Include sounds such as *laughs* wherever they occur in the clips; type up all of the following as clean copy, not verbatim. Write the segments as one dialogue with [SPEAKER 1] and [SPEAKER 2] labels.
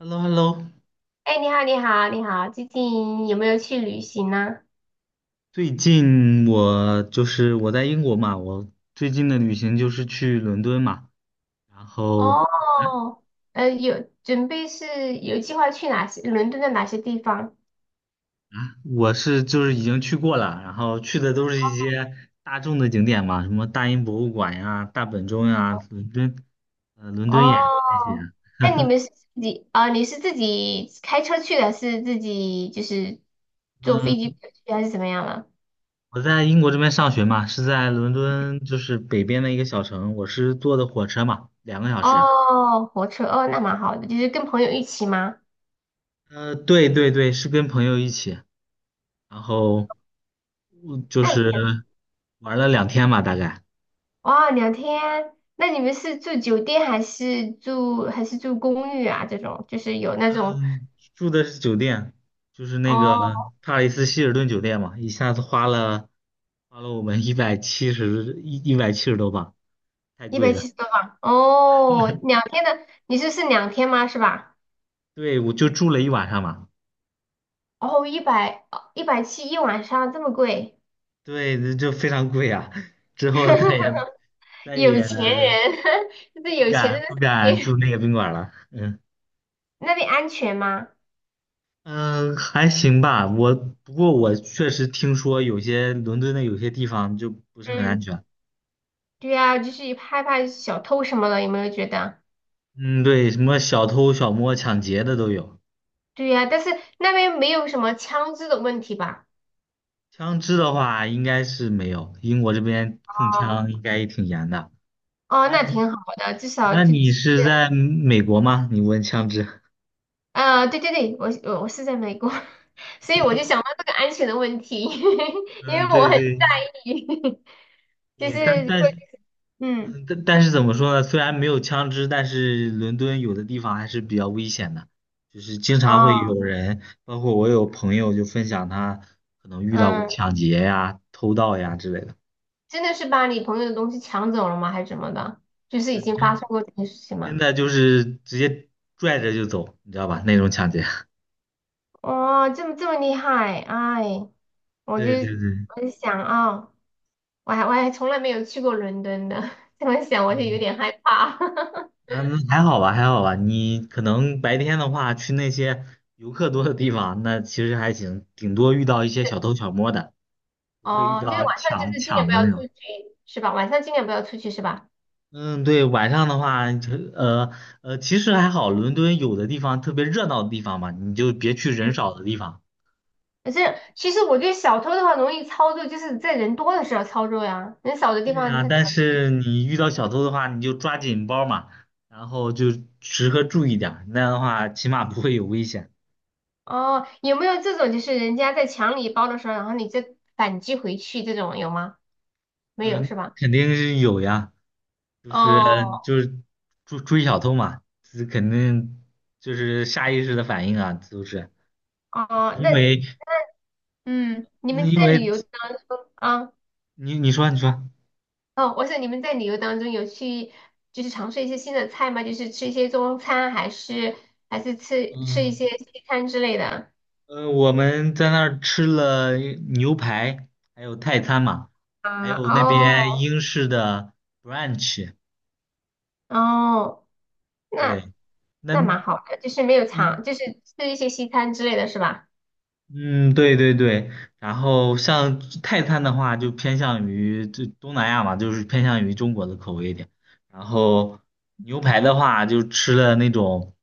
[SPEAKER 1] Hello，Hello，
[SPEAKER 2] 哎，你好，你好，你好，最近有没有去旅行呢？
[SPEAKER 1] 最近我就是我在英国嘛，我最近的旅行就是去伦敦嘛，然后
[SPEAKER 2] 哦，有准备是有计划去哪些伦敦的哪些地方？
[SPEAKER 1] 就是已经去过了，然后去的都是一些大众的景点嘛，什么大英博物馆呀、大本钟呀、伦敦，伦敦眼啊那
[SPEAKER 2] 哦，
[SPEAKER 1] 些啊。
[SPEAKER 2] 那你们是自己啊、你是自己开车去的，是自己就是坐飞
[SPEAKER 1] 嗯，
[SPEAKER 2] 机去还是怎么样了？
[SPEAKER 1] 我在英国这边上学嘛，是在伦敦就是北边的一个小城，我是坐的火车嘛，2个小时。
[SPEAKER 2] 哦，火车哦，那蛮好的，就是跟朋友一起吗？
[SPEAKER 1] 对对对，是跟朋友一起，然后。嗯就
[SPEAKER 2] 那你
[SPEAKER 1] 是玩了2天吧，大概。
[SPEAKER 2] 哇，两天，那你们是住酒店还是住公寓啊？这种就是有那种
[SPEAKER 1] 嗯，住的是酒店，就是那个
[SPEAKER 2] 哦。
[SPEAKER 1] 帕里斯希尔顿酒店嘛，一下子花了我们一百七十多镑，太
[SPEAKER 2] 一百
[SPEAKER 1] 贵了。
[SPEAKER 2] 七十多磅哦，2天的，你这是2天吗？是吧？
[SPEAKER 1] 对，我就住了一晚上嘛，
[SPEAKER 2] 哦，一百七一晚上这么贵。
[SPEAKER 1] 对，这就非常贵啊。之后再也
[SPEAKER 2] *laughs*
[SPEAKER 1] 再
[SPEAKER 2] 有
[SPEAKER 1] 也
[SPEAKER 2] 钱人。*laughs* 这是
[SPEAKER 1] 不
[SPEAKER 2] 有钱
[SPEAKER 1] 敢
[SPEAKER 2] 人的世
[SPEAKER 1] 不敢
[SPEAKER 2] 界。
[SPEAKER 1] 住那个宾馆了。嗯
[SPEAKER 2] *laughs* 那边安全吗？
[SPEAKER 1] 嗯，还行吧。不过我确实听说有些伦敦的有些地方就不是很
[SPEAKER 2] 嗯，
[SPEAKER 1] 安全。
[SPEAKER 2] 对呀，就是害怕小偷什么的，有没有觉得？
[SPEAKER 1] 嗯，对，什么小偷、小摸、抢劫的都有。
[SPEAKER 2] 对呀，但是那边没有什么枪支的问题吧？
[SPEAKER 1] 枪支的话，应该是没有，英国这边控
[SPEAKER 2] 哦。
[SPEAKER 1] 枪应该也挺严的。
[SPEAKER 2] 哦，
[SPEAKER 1] 那
[SPEAKER 2] 那
[SPEAKER 1] 你
[SPEAKER 2] 挺好的，至少
[SPEAKER 1] 那
[SPEAKER 2] 就
[SPEAKER 1] 你
[SPEAKER 2] 只是
[SPEAKER 1] 是在美国吗？你问枪支？
[SPEAKER 2] 啊，对对对，我是在美国。*laughs* 所以我就想到这个安全的问题。*laughs* 因为
[SPEAKER 1] 嗯，
[SPEAKER 2] 我
[SPEAKER 1] 对
[SPEAKER 2] 很。
[SPEAKER 1] 对
[SPEAKER 2] *laughs* 就是
[SPEAKER 1] 对，但但
[SPEAKER 2] 会
[SPEAKER 1] 是
[SPEAKER 2] 嗯。
[SPEAKER 1] 嗯但但是怎么说呢？虽然没有枪支，但是伦敦有的地方还是比较危险的，就是经常会
[SPEAKER 2] 哦。
[SPEAKER 1] 有人，包括我有朋友就分享他可能遇到过
[SPEAKER 2] 嗯。
[SPEAKER 1] 抢劫呀、偷盗呀之类的。
[SPEAKER 2] 真的是把你朋友的东西抢走了吗？还是怎么的？就是
[SPEAKER 1] 对，
[SPEAKER 2] 已经发
[SPEAKER 1] 真
[SPEAKER 2] 生过这件事情
[SPEAKER 1] 真
[SPEAKER 2] 吗？
[SPEAKER 1] 的就是直接拽着就走，你知道吧？那种抢劫。*laughs*
[SPEAKER 2] 哦，这么厉害。哎，我就
[SPEAKER 1] 对对对，
[SPEAKER 2] 我就想啊、哦我还从来没有去过伦敦的。*laughs* 这么想我就有
[SPEAKER 1] 嗯
[SPEAKER 2] 点害怕。*laughs*
[SPEAKER 1] 那还好吧，还好吧。你可能白天的话去那些游客多的地方，那其实还行，顶多遇到一些小偷小摸的，不会遇
[SPEAKER 2] 哦，就是
[SPEAKER 1] 到
[SPEAKER 2] 晚上就
[SPEAKER 1] 抢
[SPEAKER 2] 是尽量
[SPEAKER 1] 抢
[SPEAKER 2] 不
[SPEAKER 1] 的
[SPEAKER 2] 要
[SPEAKER 1] 那种。
[SPEAKER 2] 出去，是吧？晚上尽量不要出去，是吧？
[SPEAKER 1] 嗯，对，晚上的话，就其实还好，伦敦有的地方特别热闹的地方嘛，你就别去
[SPEAKER 2] 嗯。
[SPEAKER 1] 人少的地方。
[SPEAKER 2] 可是其实我觉得小偷的话容易操作，就是在人多的时候操作呀，人少的地
[SPEAKER 1] 对
[SPEAKER 2] 方
[SPEAKER 1] 呀，
[SPEAKER 2] 他怎
[SPEAKER 1] 但
[SPEAKER 2] 么？
[SPEAKER 1] 是你遇到小偷的话，你就抓紧包嘛，然后就时刻注意点儿那样的话起码不会有危险。
[SPEAKER 2] 哦，有没有这种就是人家在抢你包的时候，然后你再反击回去这种有吗？没有
[SPEAKER 1] 嗯，
[SPEAKER 2] 是吧？
[SPEAKER 1] 肯定是有呀，就
[SPEAKER 2] 哦
[SPEAKER 1] 是就是追追小偷嘛，这肯定就是下意识的反应啊，都是
[SPEAKER 2] 哦，
[SPEAKER 1] 因
[SPEAKER 2] 那
[SPEAKER 1] 为
[SPEAKER 2] 嗯，你
[SPEAKER 1] 嗯，
[SPEAKER 2] 们
[SPEAKER 1] 因
[SPEAKER 2] 在旅
[SPEAKER 1] 为
[SPEAKER 2] 游啊？
[SPEAKER 1] 你说，
[SPEAKER 2] 哦，我想你们在旅游当中有去就是尝试一些新的菜吗？就是吃一些中餐，还是吃一
[SPEAKER 1] 嗯
[SPEAKER 2] 些西餐之类的？
[SPEAKER 1] 我们在那儿吃了牛排，还有泰餐嘛，
[SPEAKER 2] 啊
[SPEAKER 1] 还有那
[SPEAKER 2] 哦
[SPEAKER 1] 边英式的 brunch,
[SPEAKER 2] 哦，那
[SPEAKER 1] 对。
[SPEAKER 2] 那
[SPEAKER 1] 那
[SPEAKER 2] 蛮好的，就是没有
[SPEAKER 1] 嗯
[SPEAKER 2] 尝，就是吃一些西餐之类的是吧？
[SPEAKER 1] 嗯，对对对，然后像泰餐的话，就偏向于这东南亚嘛，就是偏向于中国的口味一点。然后牛排的话，就吃了那种，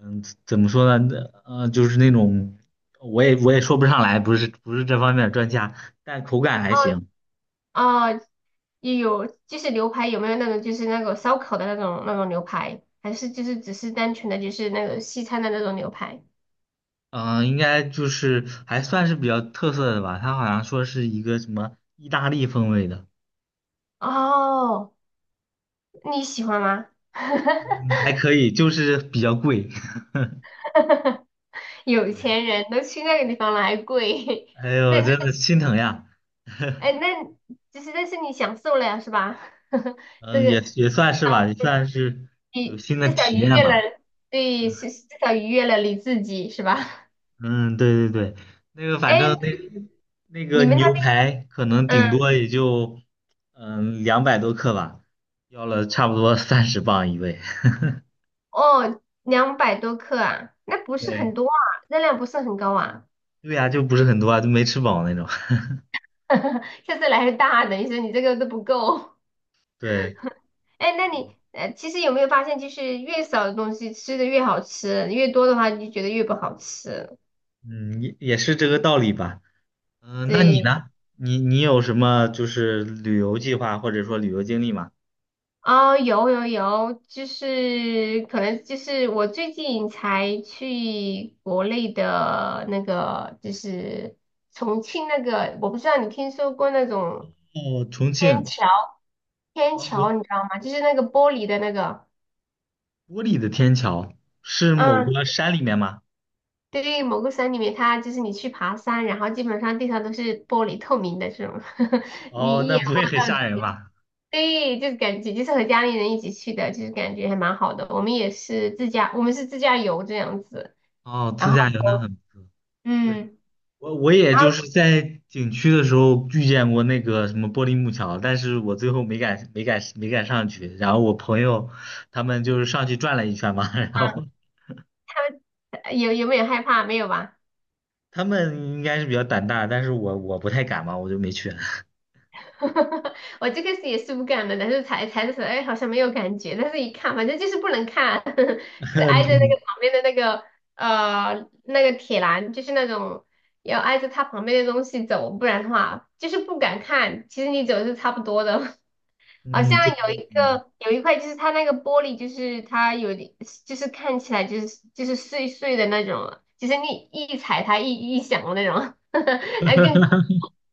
[SPEAKER 1] 嗯，怎么说呢？呃，就是那种，我也说不上来，不是这方面的专家，但口感还
[SPEAKER 2] 哦。
[SPEAKER 1] 行。
[SPEAKER 2] 哦，也有就是牛排有没有那种就是那个烧烤的那种牛排，还是就是只是单纯的就是那个西餐的那种牛排？
[SPEAKER 1] 嗯，应该就是还算是比较特色的吧。他好像说是一个什么意大利风味的，
[SPEAKER 2] 哦，你喜欢吗？
[SPEAKER 1] 还可以，就是比较贵。
[SPEAKER 2] *laughs*
[SPEAKER 1] *laughs*
[SPEAKER 2] 有
[SPEAKER 1] 对。
[SPEAKER 2] 钱人都去那个地方了，还贵？
[SPEAKER 1] 哎
[SPEAKER 2] *laughs*
[SPEAKER 1] 呦，
[SPEAKER 2] 那那
[SPEAKER 1] 真的心疼呀。
[SPEAKER 2] 哎，
[SPEAKER 1] *laughs*
[SPEAKER 2] 那就是但是你享受了呀，是吧？*laughs* 这
[SPEAKER 1] 嗯，也
[SPEAKER 2] 个
[SPEAKER 1] 也算是吧，也算是有
[SPEAKER 2] 你
[SPEAKER 1] 新的
[SPEAKER 2] 至少
[SPEAKER 1] 体
[SPEAKER 2] 愉
[SPEAKER 1] 验
[SPEAKER 2] 悦
[SPEAKER 1] 吧。
[SPEAKER 2] 了。对，是至少愉悦了你自己，是吧？*laughs*
[SPEAKER 1] 嗯，对对对，那个反
[SPEAKER 2] 哎，
[SPEAKER 1] 正那个
[SPEAKER 2] 你们那
[SPEAKER 1] 牛
[SPEAKER 2] 边，
[SPEAKER 1] 排可能顶
[SPEAKER 2] 嗯。
[SPEAKER 1] 多也就200多克吧，要了差不多30磅一位。
[SPEAKER 2] 哦，200多克啊，那不
[SPEAKER 1] *laughs*
[SPEAKER 2] 是很
[SPEAKER 1] 对
[SPEAKER 2] 多啊，热量不是很高啊。
[SPEAKER 1] 对呀，就不是很多啊，就没吃饱那种。*laughs*
[SPEAKER 2] *laughs* 下次来个大的，你说你这个都不够。
[SPEAKER 1] 对，
[SPEAKER 2] *laughs* 哎，那你其实有没有发现，就是越少的东西吃的越好吃，越多的话你就觉得越不好吃。
[SPEAKER 1] 嗯，也是这个道理吧。嗯，那你
[SPEAKER 2] 对。
[SPEAKER 1] 呢？你有什么就是旅游计划或者说旅游经历吗？
[SPEAKER 2] 哦，有有有，就是可能就是我最近才去国内的那个，就是重庆那个，我不知道你听说过那种。
[SPEAKER 1] 哦，重
[SPEAKER 2] 天
[SPEAKER 1] 庆。
[SPEAKER 2] 桥。天
[SPEAKER 1] 嗯，
[SPEAKER 2] 桥，你知道吗？就是那个玻璃的那个。
[SPEAKER 1] 玻璃的天桥是某
[SPEAKER 2] 嗯。
[SPEAKER 1] 个山里面吗？
[SPEAKER 2] 对，某个山里面，它就是你去爬山，然后基本上地上都是玻璃透明的这种。*laughs* 你
[SPEAKER 1] 哦，
[SPEAKER 2] 一
[SPEAKER 1] 那
[SPEAKER 2] 眼
[SPEAKER 1] 不会
[SPEAKER 2] 望
[SPEAKER 1] 很
[SPEAKER 2] 到。
[SPEAKER 1] 吓人吧？
[SPEAKER 2] 对，就是感觉就是和家里人一起去的，就是感觉还蛮好的。我们也是自驾，我们是自驾游这样子。
[SPEAKER 1] 哦，
[SPEAKER 2] 然
[SPEAKER 1] 自
[SPEAKER 2] 后
[SPEAKER 1] 驾游那很不错。对，
[SPEAKER 2] 嗯，
[SPEAKER 1] 我也
[SPEAKER 2] 然后
[SPEAKER 1] 就是在景区的时候遇见过那个什么玻璃木桥，但是我最后没敢上去。然后我朋友他们就是上去转了一圈嘛，*laughs* 然后
[SPEAKER 2] 有有没有害怕？没有吧？
[SPEAKER 1] 他们应该是比较胆大，但是我不太敢嘛，我就没去。*laughs*
[SPEAKER 2] *laughs* 我最开始也是不敢的，但是踩踩的时候，哎，好像没有感觉，但是一看，反正就是不能看。*laughs* 是挨着那
[SPEAKER 1] 嗯，
[SPEAKER 2] 个旁边的那个铁栏，就是那种要挨着它旁边的东西走，不然的话就是不敢看。其实你走是差不多的。*laughs* 好
[SPEAKER 1] 嗯
[SPEAKER 2] 像
[SPEAKER 1] 对，
[SPEAKER 2] 有一块就是它那个玻璃，就是它有点就是看起来就是碎碎的那种，就是你一踩它一响的那种。*laughs* 那更恐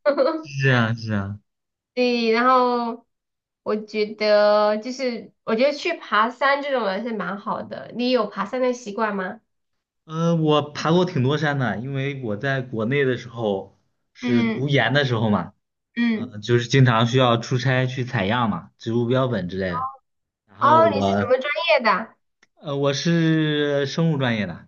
[SPEAKER 2] 怖。
[SPEAKER 1] 是
[SPEAKER 2] *laughs*
[SPEAKER 1] 这样，是这样。
[SPEAKER 2] 对。然后我觉得去爬山这种还是蛮好的。你有爬山的习惯吗？
[SPEAKER 1] 呃，我爬过挺多山的，因为我在国内的时候是读
[SPEAKER 2] 嗯
[SPEAKER 1] 研的时候嘛。
[SPEAKER 2] 嗯。
[SPEAKER 1] 嗯，就是经常需要出差去采样嘛，植物标本之类的。然后
[SPEAKER 2] 哦，你是什
[SPEAKER 1] 我，
[SPEAKER 2] 么专业的啊？
[SPEAKER 1] 呃，我是生物专业的，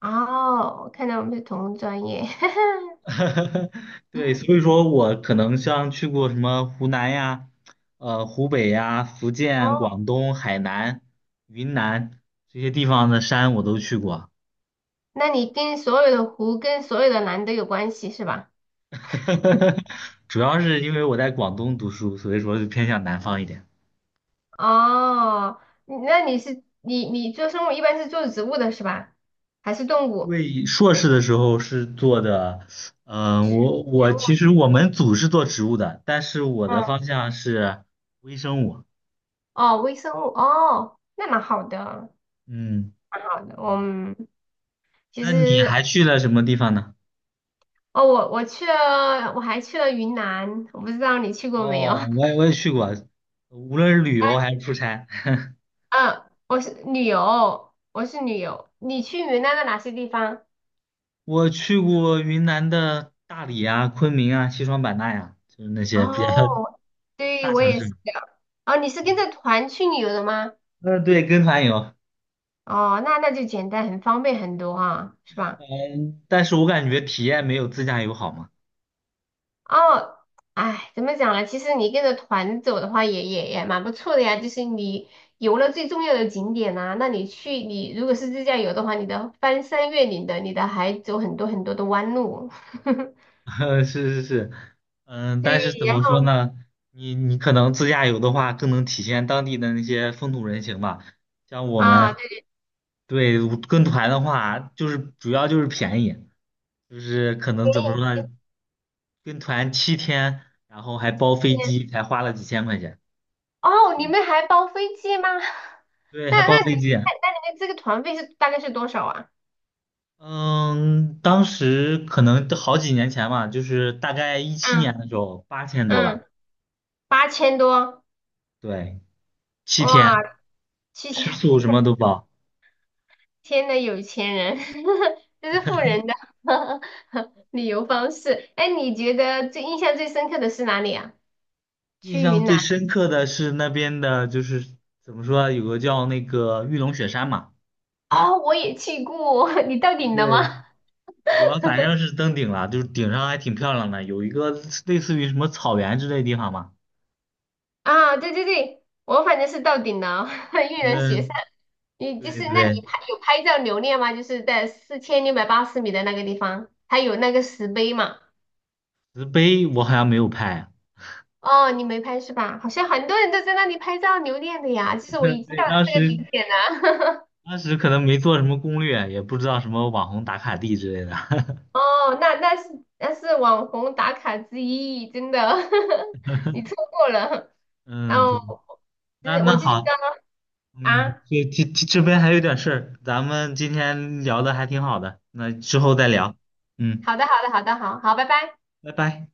[SPEAKER 2] 哦，我看到我们是同专业。*laughs*
[SPEAKER 1] *laughs* 对，所以说我可能像去过什么湖南呀、湖北呀、福建、
[SPEAKER 2] 哦，
[SPEAKER 1] 广东、海南、云南这些地方的山我都去过，
[SPEAKER 2] 那你跟所有的湖跟所有的蓝都有关系是吧？
[SPEAKER 1] *laughs* 主要是因为我在广东读书，所以说就偏向南方一点。
[SPEAKER 2] 哦，你那你是你做生物一般是做植物的是吧？还是动
[SPEAKER 1] 因
[SPEAKER 2] 物？
[SPEAKER 1] 为硕士的时候是做的，
[SPEAKER 2] 植
[SPEAKER 1] 我
[SPEAKER 2] 植
[SPEAKER 1] 我其实
[SPEAKER 2] 物。
[SPEAKER 1] 我们组是做植物的，但是我的
[SPEAKER 2] 嗯。
[SPEAKER 1] 方向是微生物。
[SPEAKER 2] 哦，微生物。哦，那蛮好的，
[SPEAKER 1] 嗯，
[SPEAKER 2] 蛮好的。嗯。其
[SPEAKER 1] 那你
[SPEAKER 2] 实
[SPEAKER 1] 还去了什么地方呢？
[SPEAKER 2] 哦，我去了，我还去了云南，我不知道你去过没有？
[SPEAKER 1] 哦，我也去过，无论是旅游还是出差，*laughs*
[SPEAKER 2] *laughs* 嗯，我是旅游，我是旅游。你去云南的哪些地方？
[SPEAKER 1] 我去过云南的大理啊、昆明啊、西双版纳呀、就是那些比较
[SPEAKER 2] 哦。对，
[SPEAKER 1] 大
[SPEAKER 2] 我
[SPEAKER 1] 城
[SPEAKER 2] 也
[SPEAKER 1] 市。
[SPEAKER 2] 是的。哦，你是跟着团去旅游的吗？
[SPEAKER 1] *laughs* 嗯，对，跟团游。
[SPEAKER 2] 哦，那就简单，很方便很多啊，是吧？
[SPEAKER 1] 嗯，但是我感觉体验没有自驾游好嘛。
[SPEAKER 2] 哦。哎，怎么讲呢？其实你跟着团走的话也蛮不错的呀。就是你游了最重要的景点呐、那你去，你如果是自驾游的话，你的翻山越岭的，你的还走很多很多的弯路。*laughs*
[SPEAKER 1] *laughs* 是是是，嗯，但是
[SPEAKER 2] 对。
[SPEAKER 1] 怎
[SPEAKER 2] 然
[SPEAKER 1] 么说
[SPEAKER 2] 后
[SPEAKER 1] 呢？你可能自驾游的话，更能体现当地的那些风土人情吧。像我
[SPEAKER 2] 啊，
[SPEAKER 1] 们
[SPEAKER 2] 对，
[SPEAKER 1] 对跟团的话，就是主要就是便宜，就是可能怎么说呢？跟团七天，然后还包
[SPEAKER 2] 前
[SPEAKER 1] 飞
[SPEAKER 2] 一天
[SPEAKER 1] 机，才花了几千块钱。
[SPEAKER 2] 哦，你
[SPEAKER 1] 嗯，
[SPEAKER 2] 们还包飞机吗？*laughs*
[SPEAKER 1] 对，
[SPEAKER 2] 那
[SPEAKER 1] 还
[SPEAKER 2] 那
[SPEAKER 1] 包飞
[SPEAKER 2] 你们
[SPEAKER 1] 机。
[SPEAKER 2] 你们这个团费是大概是多少啊？
[SPEAKER 1] 嗯，当时可能都好几年前嘛，就是大概一七
[SPEAKER 2] 嗯
[SPEAKER 1] 年的时候，8000多吧。
[SPEAKER 2] 嗯，8000多，
[SPEAKER 1] 对，七
[SPEAKER 2] 哇，
[SPEAKER 1] 天，
[SPEAKER 2] 七
[SPEAKER 1] 吃
[SPEAKER 2] 千
[SPEAKER 1] 宿什么都包。
[SPEAKER 2] 天呐，有钱人。*laughs* 这是富
[SPEAKER 1] *laughs*
[SPEAKER 2] 人的 *laughs* 旅游方式。哎，你觉得最印象最深刻的是哪里啊？
[SPEAKER 1] 印
[SPEAKER 2] 去
[SPEAKER 1] 象
[SPEAKER 2] 云南
[SPEAKER 1] 最深刻的是那边的，就是怎么说啊，有个叫那个玉龙雪山嘛，
[SPEAKER 2] 啊，我也去过。*laughs* 你到顶了吗？
[SPEAKER 1] 对，我反正是登顶了，就是顶上还挺漂亮的，有一个类似于什么草原之类的地方嘛。
[SPEAKER 2] 啊，对对对，我反正是到顶了。*laughs* 玉人雪山。
[SPEAKER 1] 嗯，
[SPEAKER 2] 你就
[SPEAKER 1] 对
[SPEAKER 2] 是，那
[SPEAKER 1] 对，
[SPEAKER 2] 有拍照留念吗？就是在4680米的那个地方，还有那个石碑嘛。
[SPEAKER 1] 石碑我好像没有拍，
[SPEAKER 2] 哦，你没拍是吧？好像很多人都在那里拍照留念的呀。其实我已
[SPEAKER 1] *laughs*
[SPEAKER 2] 经
[SPEAKER 1] 对，
[SPEAKER 2] 到了
[SPEAKER 1] 当
[SPEAKER 2] 这个
[SPEAKER 1] 时
[SPEAKER 2] 顶点了。
[SPEAKER 1] 当时可能没做什么攻略，也不知道什么网红打卡地之类的。*laughs*
[SPEAKER 2] 哦，那那是那是网红打卡之一，真的。*laughs* 你错过了。然
[SPEAKER 1] 嗯，
[SPEAKER 2] 后，
[SPEAKER 1] 对，那
[SPEAKER 2] 我
[SPEAKER 1] 那
[SPEAKER 2] 就觉得
[SPEAKER 1] 好，嗯，
[SPEAKER 2] 啊。
[SPEAKER 1] 这边还有点事儿，咱们今天聊的还挺好的，那之后再
[SPEAKER 2] 嗯。
[SPEAKER 1] 聊。嗯。
[SPEAKER 2] 好的，好的，好的，好好，拜拜。
[SPEAKER 1] 拜拜。